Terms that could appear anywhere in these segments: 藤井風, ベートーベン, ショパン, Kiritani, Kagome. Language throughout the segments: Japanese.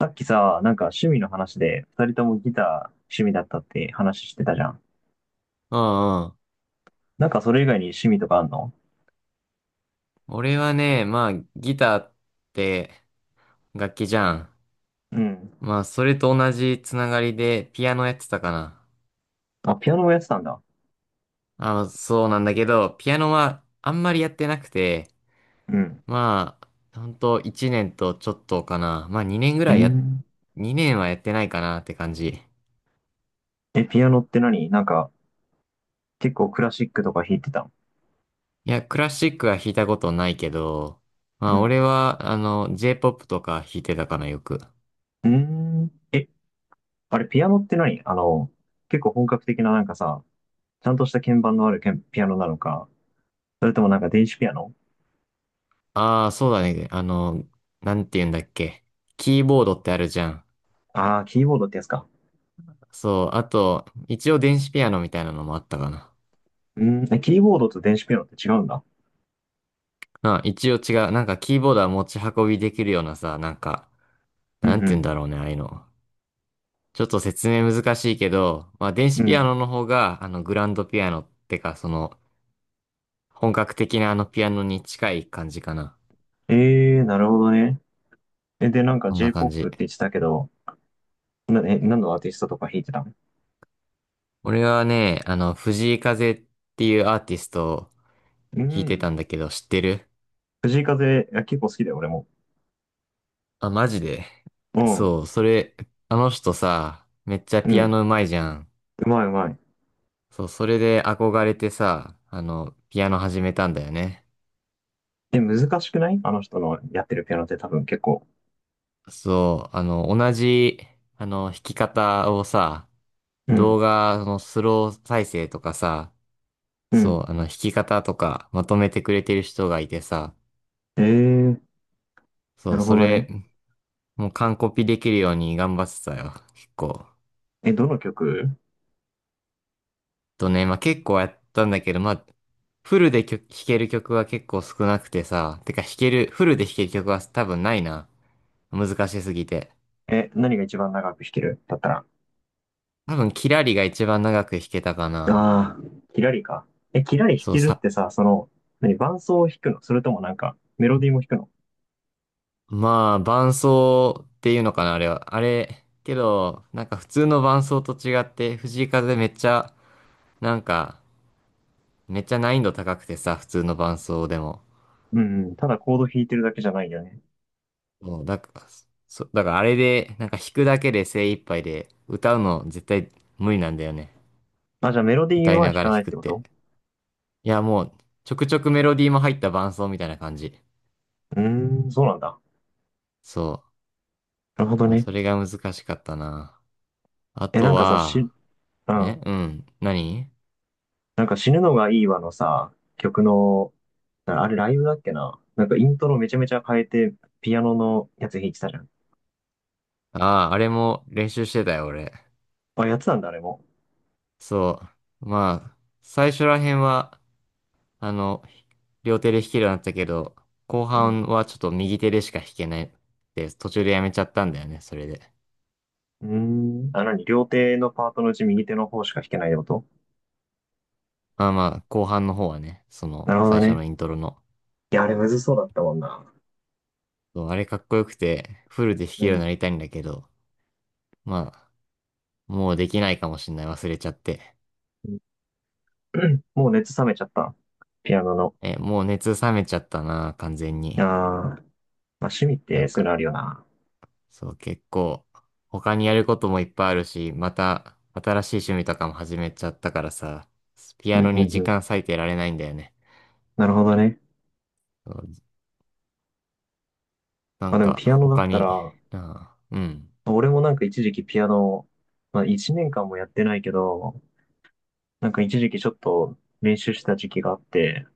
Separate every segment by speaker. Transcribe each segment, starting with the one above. Speaker 1: さっきさ、なんか趣味の話で、二人ともギター趣味だったって話してたじゃん。
Speaker 2: うんうん。
Speaker 1: なんかそれ以外に趣味とかあんの？
Speaker 2: 俺はね、まあ、ギターって楽器じゃん。
Speaker 1: うん。
Speaker 2: まあ、それと同じつながりでピアノやってたかな。
Speaker 1: あ、ピアノもやってたんだ。
Speaker 2: あ、そうなんだけど、ピアノはあんまりやってなくて、
Speaker 1: うん。
Speaker 2: まあ、ほんと1年とちょっとかな。まあ、2年ぐ
Speaker 1: う
Speaker 2: らいや、
Speaker 1: ん。
Speaker 2: 2年はやってないかなって感じ。
Speaker 1: え、ピアノって何なんか、結構クラシックとか弾いてたの？
Speaker 2: いや、クラシックは弾いたことないけど、ま
Speaker 1: う
Speaker 2: あ、俺
Speaker 1: ん。
Speaker 2: は、あの、J-POP とか弾いてたかな、よく。
Speaker 1: うん。え、あれ、ピアノって何あの、結構本格的ななんかさ、ちゃんとした鍵盤のあるけんピアノなのか、それともなんか電子ピアノ？
Speaker 2: ああ、そうだね。あの、なんて言うんだっけ。キーボードってあるじゃん。
Speaker 1: ああー、キーボードってやつか。
Speaker 2: そう、あと、一応電子ピアノみたいなのもあったかな。
Speaker 1: うん。え、キーボードと電子ピアノって違うんだ。
Speaker 2: あ、一応違う。なんかキーボードは持ち運びできるようなさ、なんか、
Speaker 1: うんう
Speaker 2: なんて言うん
Speaker 1: ん。
Speaker 2: だろうね、ああいうの。ちょっと説明難しいけど、まあ電
Speaker 1: う
Speaker 2: 子ピア
Speaker 1: ん。
Speaker 2: ノの方が、あの、グランドピアノってか、その、本格的なあのピアノに近い感じかな。
Speaker 1: えー、なるほどね。え、で、なんか
Speaker 2: そんな感
Speaker 1: J-POP
Speaker 2: じ。
Speaker 1: って言ってたけど、何のアーティストとか弾いてたの？
Speaker 2: 俺はね、あの、藤井風っていうアーティストを
Speaker 1: う
Speaker 2: 弾いてた
Speaker 1: ん。
Speaker 2: んだけど、知ってる？
Speaker 1: 藤井風、いや、結構好きだよ、俺も。
Speaker 2: あ、マジで？
Speaker 1: うん。
Speaker 2: そう、それ、あの人さ、めっちゃ
Speaker 1: う
Speaker 2: ピア
Speaker 1: ん。
Speaker 2: ノ上手いじゃん。
Speaker 1: うまいうまい。
Speaker 2: そう、それで憧れてさ、あの、ピアノ始めたんだよね。
Speaker 1: え、難しくないあの人のやってるピアノって多分結構。
Speaker 2: そう、あの、同じ、あの、弾き方をさ、
Speaker 1: う
Speaker 2: 動
Speaker 1: ん。
Speaker 2: 画のスロー再生とかさ、
Speaker 1: う
Speaker 2: そ
Speaker 1: ん。
Speaker 2: う、あの、弾き方とかまとめてくれてる人がいてさ、
Speaker 1: えー、
Speaker 2: そ
Speaker 1: な
Speaker 2: う、
Speaker 1: るほ
Speaker 2: そ
Speaker 1: どね。
Speaker 2: れ、もう完コピできるように頑張ってたよ、結構。
Speaker 1: え、どの曲？
Speaker 2: とね、まあ、結構やったんだけど、まあ、フルで曲、弾ける曲は結構少なくてさ、てか弾ける、フルで弾ける曲は多分ないな。難しすぎて。
Speaker 1: え、何が一番長く弾けるだったら。
Speaker 2: 多分、キラリが一番長く弾けたかな。
Speaker 1: ああ、キラリか。え、キラリ弾
Speaker 2: そう
Speaker 1: けるっ
Speaker 2: さ、
Speaker 1: てさ、何、伴奏を弾くのそれともなんか、メロディーも弾くの？
Speaker 2: まあ、伴奏っていうのかな、あれは。あれ、けど、なんか普通の伴奏と違って、藤井風めっちゃ、なんか、めっちゃ難易度高くてさ、普通の伴奏でも。
Speaker 1: うんうん。ただコード弾いてるだけじゃないよね。
Speaker 2: もう、だから、だからあれで、なんか弾くだけで精一杯で、歌うの絶対無理なんだよね。
Speaker 1: あ、じゃあメロディー
Speaker 2: 歌い
Speaker 1: は
Speaker 2: な
Speaker 1: 弾
Speaker 2: が
Speaker 1: か
Speaker 2: ら
Speaker 1: な
Speaker 2: 弾
Speaker 1: いっ
Speaker 2: くっ
Speaker 1: てこと？
Speaker 2: て。いや、もう、ちょくちょくメロディーも入った伴奏みたいな感じ。
Speaker 1: うーん、そうなんだ。
Speaker 2: そう。
Speaker 1: なるほど
Speaker 2: まあ、
Speaker 1: ね。
Speaker 2: それが難しかったな。あ
Speaker 1: え、な
Speaker 2: と
Speaker 1: んかさ、
Speaker 2: は、
Speaker 1: う
Speaker 2: え、
Speaker 1: ん。
Speaker 2: うん。何？
Speaker 1: なんか死ぬのがいいわのさ、曲の、なあれライブだっけな。なんかイントロめちゃめちゃ変えて、ピアノのやつ弾いてたじゃん。
Speaker 2: ああー、あれも練習してたよ、俺。
Speaker 1: あ、やつなんだ、あれも。
Speaker 2: そう。まあ、最初ら辺は、あの、両手で弾けるようになったけど、後
Speaker 1: う
Speaker 2: 半
Speaker 1: ん。
Speaker 2: はちょっと右手でしか弾けないって、途中でやめちゃったんだよね、それで。
Speaker 1: うーん。あ、なに、両手のパートのうち右手の方しか弾けないってこと？
Speaker 2: まあまあ、後半の方はね、その、
Speaker 1: なるほど
Speaker 2: 最初
Speaker 1: ね。
Speaker 2: のイントロの。
Speaker 1: いや、あれむずそうだったもんな。
Speaker 2: そう、あれかっこよくて、フルで弾
Speaker 1: う
Speaker 2: けるようにな
Speaker 1: ん。
Speaker 2: りたいんだけど、まあ、もうできないかもしんない、忘れちゃって。
Speaker 1: うん。 もう熱冷めちゃった。ピアノの。
Speaker 2: え、もう熱冷めちゃったな、完全
Speaker 1: あ
Speaker 2: に。
Speaker 1: ー、まあ、趣味っ
Speaker 2: な
Speaker 1: て
Speaker 2: ん
Speaker 1: そういう
Speaker 2: か
Speaker 1: のあるよな。
Speaker 2: そう、結構、他にやることもいっぱいあるし、また、新しい趣味とかも始めちゃったからさ、ピ
Speaker 1: う
Speaker 2: ア
Speaker 1: ん、
Speaker 2: ノ
Speaker 1: う
Speaker 2: に
Speaker 1: ん、う
Speaker 2: 時
Speaker 1: ん。
Speaker 2: 間割いてられないんだよね。
Speaker 1: なるほどね。
Speaker 2: そうな
Speaker 1: まあ
Speaker 2: ん
Speaker 1: でも
Speaker 2: か、
Speaker 1: ピアノだっ
Speaker 2: 他
Speaker 1: た
Speaker 2: に、
Speaker 1: ら、
Speaker 2: ああ、うん、
Speaker 1: 俺もなんか一時期ピアノ、まあ一年間もやってないけど、なんか一時期ちょっと練習してた時期があって、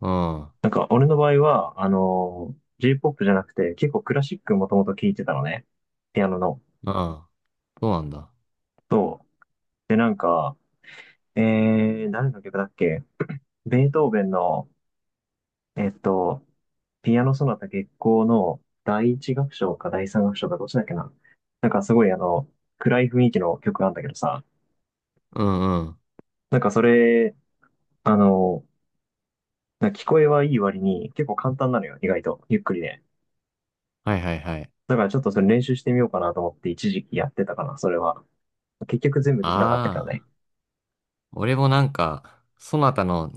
Speaker 2: うん、あ
Speaker 1: なんか俺の場合は、J-POP じゃなくて結構クラシックもともと聴いてたのね。ピアノの。
Speaker 2: あ、そうなんだ。
Speaker 1: そう。で、なんか、誰の曲だっけ？ベートーベンの、えっと、ピアノソナタ月光の第一楽章か第三楽章かどっちだっけな。なんかすごい暗い雰囲気の曲なんだけどさ、
Speaker 2: うんうん。
Speaker 1: なんかそれ、あの、なんか聞こえはいい割に結構簡単なのよ、意外と。ゆっくりで。
Speaker 2: はいはいはい。
Speaker 1: だからちょっとそれ練習してみようかなと思って一時期やってたかな、それは。結局全部できなかったけど
Speaker 2: あ
Speaker 1: ね。
Speaker 2: あ、俺もなんか、そなたの、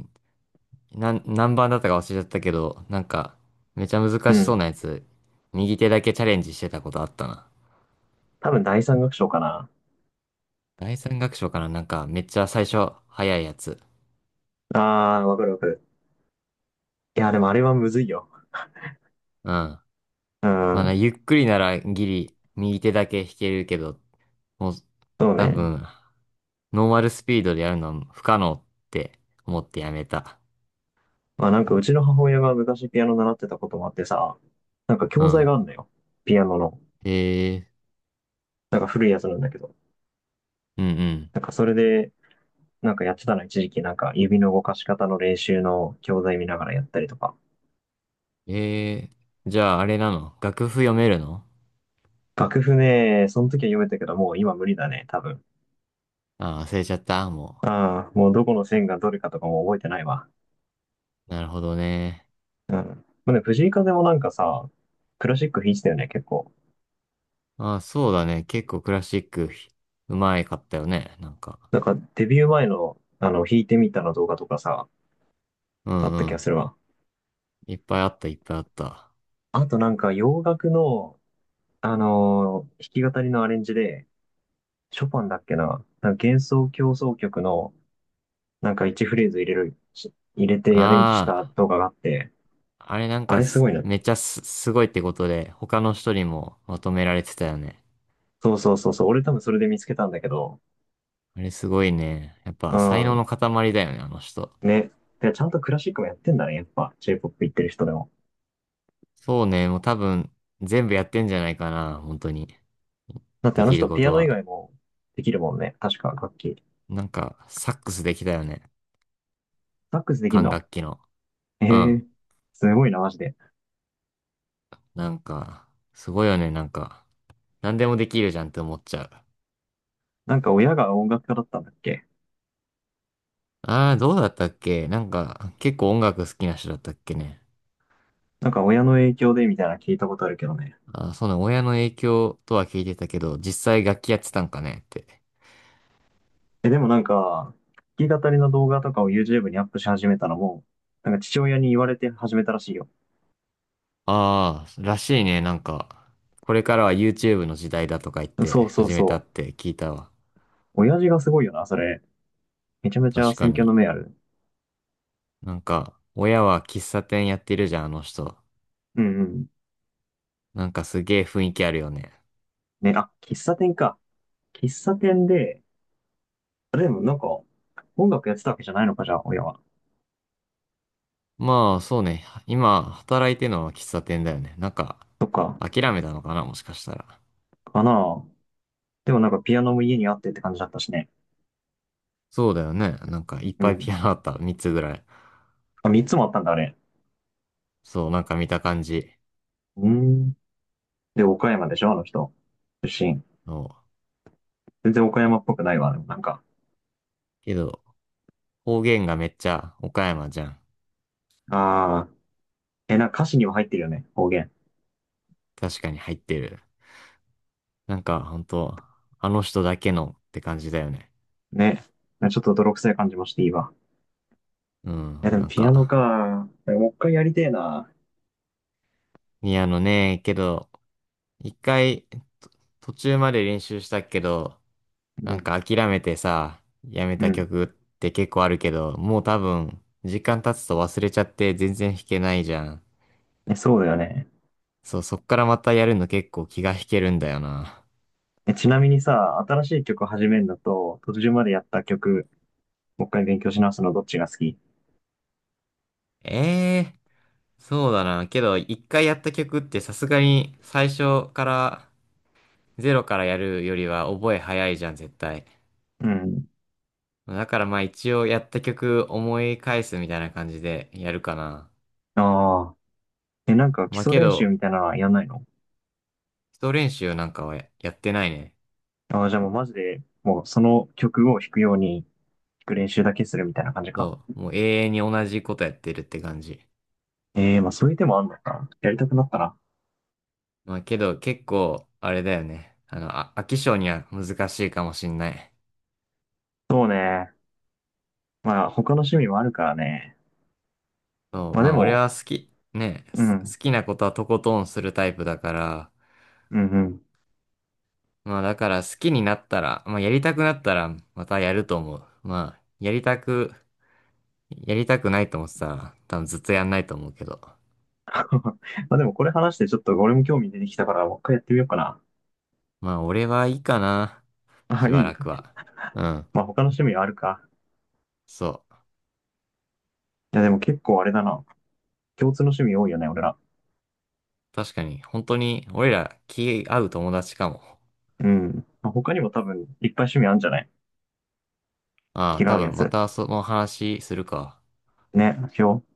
Speaker 2: 何番だったか忘れちゃったけど、なんか、めちゃ
Speaker 1: う
Speaker 2: 難しそう
Speaker 1: ん。
Speaker 2: なやつ、右手だけチャレンジしてたことあったな。
Speaker 1: 多分第三楽章かな。
Speaker 2: 第三楽章かな、なんか、めっちゃ最初、早いやつ。
Speaker 1: あー、わかるわかる。いや、でもあれはむずいよ。
Speaker 2: うん。ま
Speaker 1: う
Speaker 2: あな、
Speaker 1: ん。
Speaker 2: ゆっくりならギリ、右手だけ弾けるけど、もう、
Speaker 1: そう
Speaker 2: 多
Speaker 1: ね。
Speaker 2: 分、ノーマルスピードでやるのは不可能って思ってやめた。
Speaker 1: まあなんかうちの母親が昔ピアノ習ってたこともあってさ、なんか
Speaker 2: う
Speaker 1: 教材
Speaker 2: ん。
Speaker 1: があるんだよ。ピアノの。
Speaker 2: ええ、
Speaker 1: なんか古いやつなんだけど。
Speaker 2: うんうん。
Speaker 1: なんかそれで、なんかやってたの一時期なんか指の動かし方の練習の教材見ながらやったりとか。
Speaker 2: ええ、じゃああれなの、楽譜読めるの？
Speaker 1: 楽譜ね、その時は読めたけど、もう今無理だね、多分。
Speaker 2: ああ、忘れちゃった、も
Speaker 1: ああ、もうどこの線がどれかとかも覚えてないわ。
Speaker 2: う。なるほどね。
Speaker 1: うん。まあね、藤井風もなんかさ、クラシック弾いてたよね、結構。
Speaker 2: ああ、そうだね。結構クラシック、うまいかったよね、なんか。
Speaker 1: なんかデビュー前の、弾いてみたの動画とかさ、
Speaker 2: う
Speaker 1: あ
Speaker 2: ん
Speaker 1: った気
Speaker 2: う
Speaker 1: が
Speaker 2: ん。
Speaker 1: するわ。
Speaker 2: いっぱいあった、いっぱいあった。あ
Speaker 1: あとなんか洋楽の、弾き語りのアレンジで、ショパンだっけな、なんか幻想協奏曲の、なんか1フレーズ入れてアレンジした
Speaker 2: あ。
Speaker 1: 動画があって、
Speaker 2: あれなん
Speaker 1: あ
Speaker 2: か
Speaker 1: れすごいな。
Speaker 2: めっちゃすごいってことで、他の人にもまとめられてたよね。
Speaker 1: そうそうそうそう、俺多分それで見つけたんだけど、
Speaker 2: あれすごいね。やっ
Speaker 1: う
Speaker 2: ぱ才能
Speaker 1: ん、
Speaker 2: の塊だよね、あの人。
Speaker 1: ね。で、ちゃんとクラシックもやってんだね、やっぱ J-POP 行ってる人でも。
Speaker 2: そうね、もう多分全部やってんじゃないかな、本当に。
Speaker 1: だって
Speaker 2: で
Speaker 1: あの
Speaker 2: きる
Speaker 1: 人
Speaker 2: こ
Speaker 1: ピ
Speaker 2: と
Speaker 1: アノ以
Speaker 2: は。
Speaker 1: 外もできるもんね、確か楽器。
Speaker 2: なんか、サックスできたよね。
Speaker 1: サックスできん
Speaker 2: 管
Speaker 1: の？
Speaker 2: 楽器の。
Speaker 1: え
Speaker 2: うん。
Speaker 1: え、すごいな、マジで。
Speaker 2: なんか、すごいよね、なんか。何でもできるじゃんって思っちゃう。
Speaker 1: なんか親が音楽家だったんだっけ？
Speaker 2: ああ、どうだったっけ？なんか、結構音楽好きな人だったっけね。
Speaker 1: なんか親の影響でみたいな聞いたことあるけどね。
Speaker 2: あ、そうなん、親の影響とは聞いてたけど、実際楽器やってたんかねって。
Speaker 1: え、でもなんか、弾き語りの動画とかを YouTube にアップし始めたのも、なんか父親に言われて始めたらしいよ。
Speaker 2: ああ、らしいね。なんか、これからは YouTube の時代だとか言って
Speaker 1: そうそう
Speaker 2: 始めた
Speaker 1: そ
Speaker 2: って聞いたわ。
Speaker 1: う。親父がすごいよな、それ。めちゃめちゃ
Speaker 2: 確か
Speaker 1: 選挙の
Speaker 2: に。
Speaker 1: 目ある。
Speaker 2: なんか、親は喫茶店やってるじゃん、あの人。
Speaker 1: うんうん。
Speaker 2: なんかすげえ雰囲気あるよね。
Speaker 1: ね、あ、喫茶店か。喫茶店で、あでもなんか、音楽やってたわけじゃないのか、じゃあ、親は。
Speaker 2: まあ、そうね。今、働いてるのは喫茶店だよね。なんか、
Speaker 1: そっか、
Speaker 2: 諦めたのかな、もしかしたら。
Speaker 1: かな。でもなんかピアノも家にあってって感じだったしね。
Speaker 2: そうだよね。なんか、いっ
Speaker 1: う
Speaker 2: ぱい
Speaker 1: ん。
Speaker 2: ピアノあった。3つぐらい。
Speaker 1: あ、三つもあったんだ、あれ。
Speaker 2: そう、なんか見た感じ
Speaker 1: うん。で、岡山でしょ、あの人。出身。
Speaker 2: の。
Speaker 1: 全然岡山っぽくないわ、でもなんか。
Speaker 2: けど、方言がめっちゃ岡山じゃん。
Speaker 1: ああ。え、なんか歌詞には入ってるよね、方言。
Speaker 2: 確かに入ってる。なんかほんと、あの人だけのって感じだよね。
Speaker 1: ね。ちょっと泥臭い感じもしていいわ。
Speaker 2: う
Speaker 1: いや、
Speaker 2: ん、
Speaker 1: でも
Speaker 2: なん
Speaker 1: ピアノ
Speaker 2: か、
Speaker 1: か。もう一回やりてえな。
Speaker 2: 宮野ね、けど、一回、と、途中まで練習したけど、
Speaker 1: う
Speaker 2: なん
Speaker 1: ん
Speaker 2: か諦めてさ、やめ
Speaker 1: う
Speaker 2: た
Speaker 1: ん。
Speaker 2: 曲って結構あるけど、もう多分、時間経つと忘れちゃって全然弾けないじゃん。
Speaker 1: え、そうだよね。
Speaker 2: そう、そっからまたやるの結構気が引けるんだよな。
Speaker 1: え、ちなみにさ、新しい曲始めるのと、途中までやった曲、もう一回勉強し直すのどっちが好き？
Speaker 2: ええ、そうだな。けど、一回やった曲ってさすがに最初からゼロからやるよりは覚え早いじゃん、絶対。
Speaker 1: うん。
Speaker 2: だからまあ一応やった曲思い返すみたいな感じでやるかな。
Speaker 1: ああ。え、なんか基
Speaker 2: まあ
Speaker 1: 礎
Speaker 2: け
Speaker 1: 練習
Speaker 2: ど、
Speaker 1: みたいなのはやんないの？
Speaker 2: 基礎練習なんかはややってないね。
Speaker 1: ああじゃあもうマジで、もうその曲を弾くように、弾く練習だけするみたいな感じか。
Speaker 2: そう。もう永遠に同じことやってるって感じ。
Speaker 1: ええまあそういう手もあんのか。やりたくなったな。
Speaker 2: まあけど結構、あれだよね。あの、あ、飽き性には難しいかもしんない。
Speaker 1: そうね。まあ他の趣味もあるからね。
Speaker 2: そう。
Speaker 1: まあ
Speaker 2: ま
Speaker 1: で
Speaker 2: あ俺
Speaker 1: も、
Speaker 2: は好き、ね、
Speaker 1: う
Speaker 2: す好
Speaker 1: ん。
Speaker 2: きなことはとことんするタイプだから、
Speaker 1: うんうん。
Speaker 2: まあだから好きになったら、まあやりたくなったらまたやると思う。まあやりたくないと思ってたら多分ずっとやんないと思うけど。
Speaker 1: まあでもこれ話してちょっと俺も興味出てきたから、もう一回やってみようかな。
Speaker 2: まあ俺はいいかな。
Speaker 1: あ、
Speaker 2: しば
Speaker 1: いい。
Speaker 2: らくは。うん。
Speaker 1: まあ他の趣味はあるか。
Speaker 2: そう。
Speaker 1: や、でも結構あれだな。共通の趣味多いよね、俺ら。
Speaker 2: 確かに本当に俺ら気合う友達かも。
Speaker 1: うん。まあ他にも多分、いっぱい趣味あるんじゃない？
Speaker 2: あ
Speaker 1: 気
Speaker 2: あ、
Speaker 1: が
Speaker 2: 多
Speaker 1: 合うや
Speaker 2: 分ま
Speaker 1: つ。
Speaker 2: たその話するか。
Speaker 1: ね、し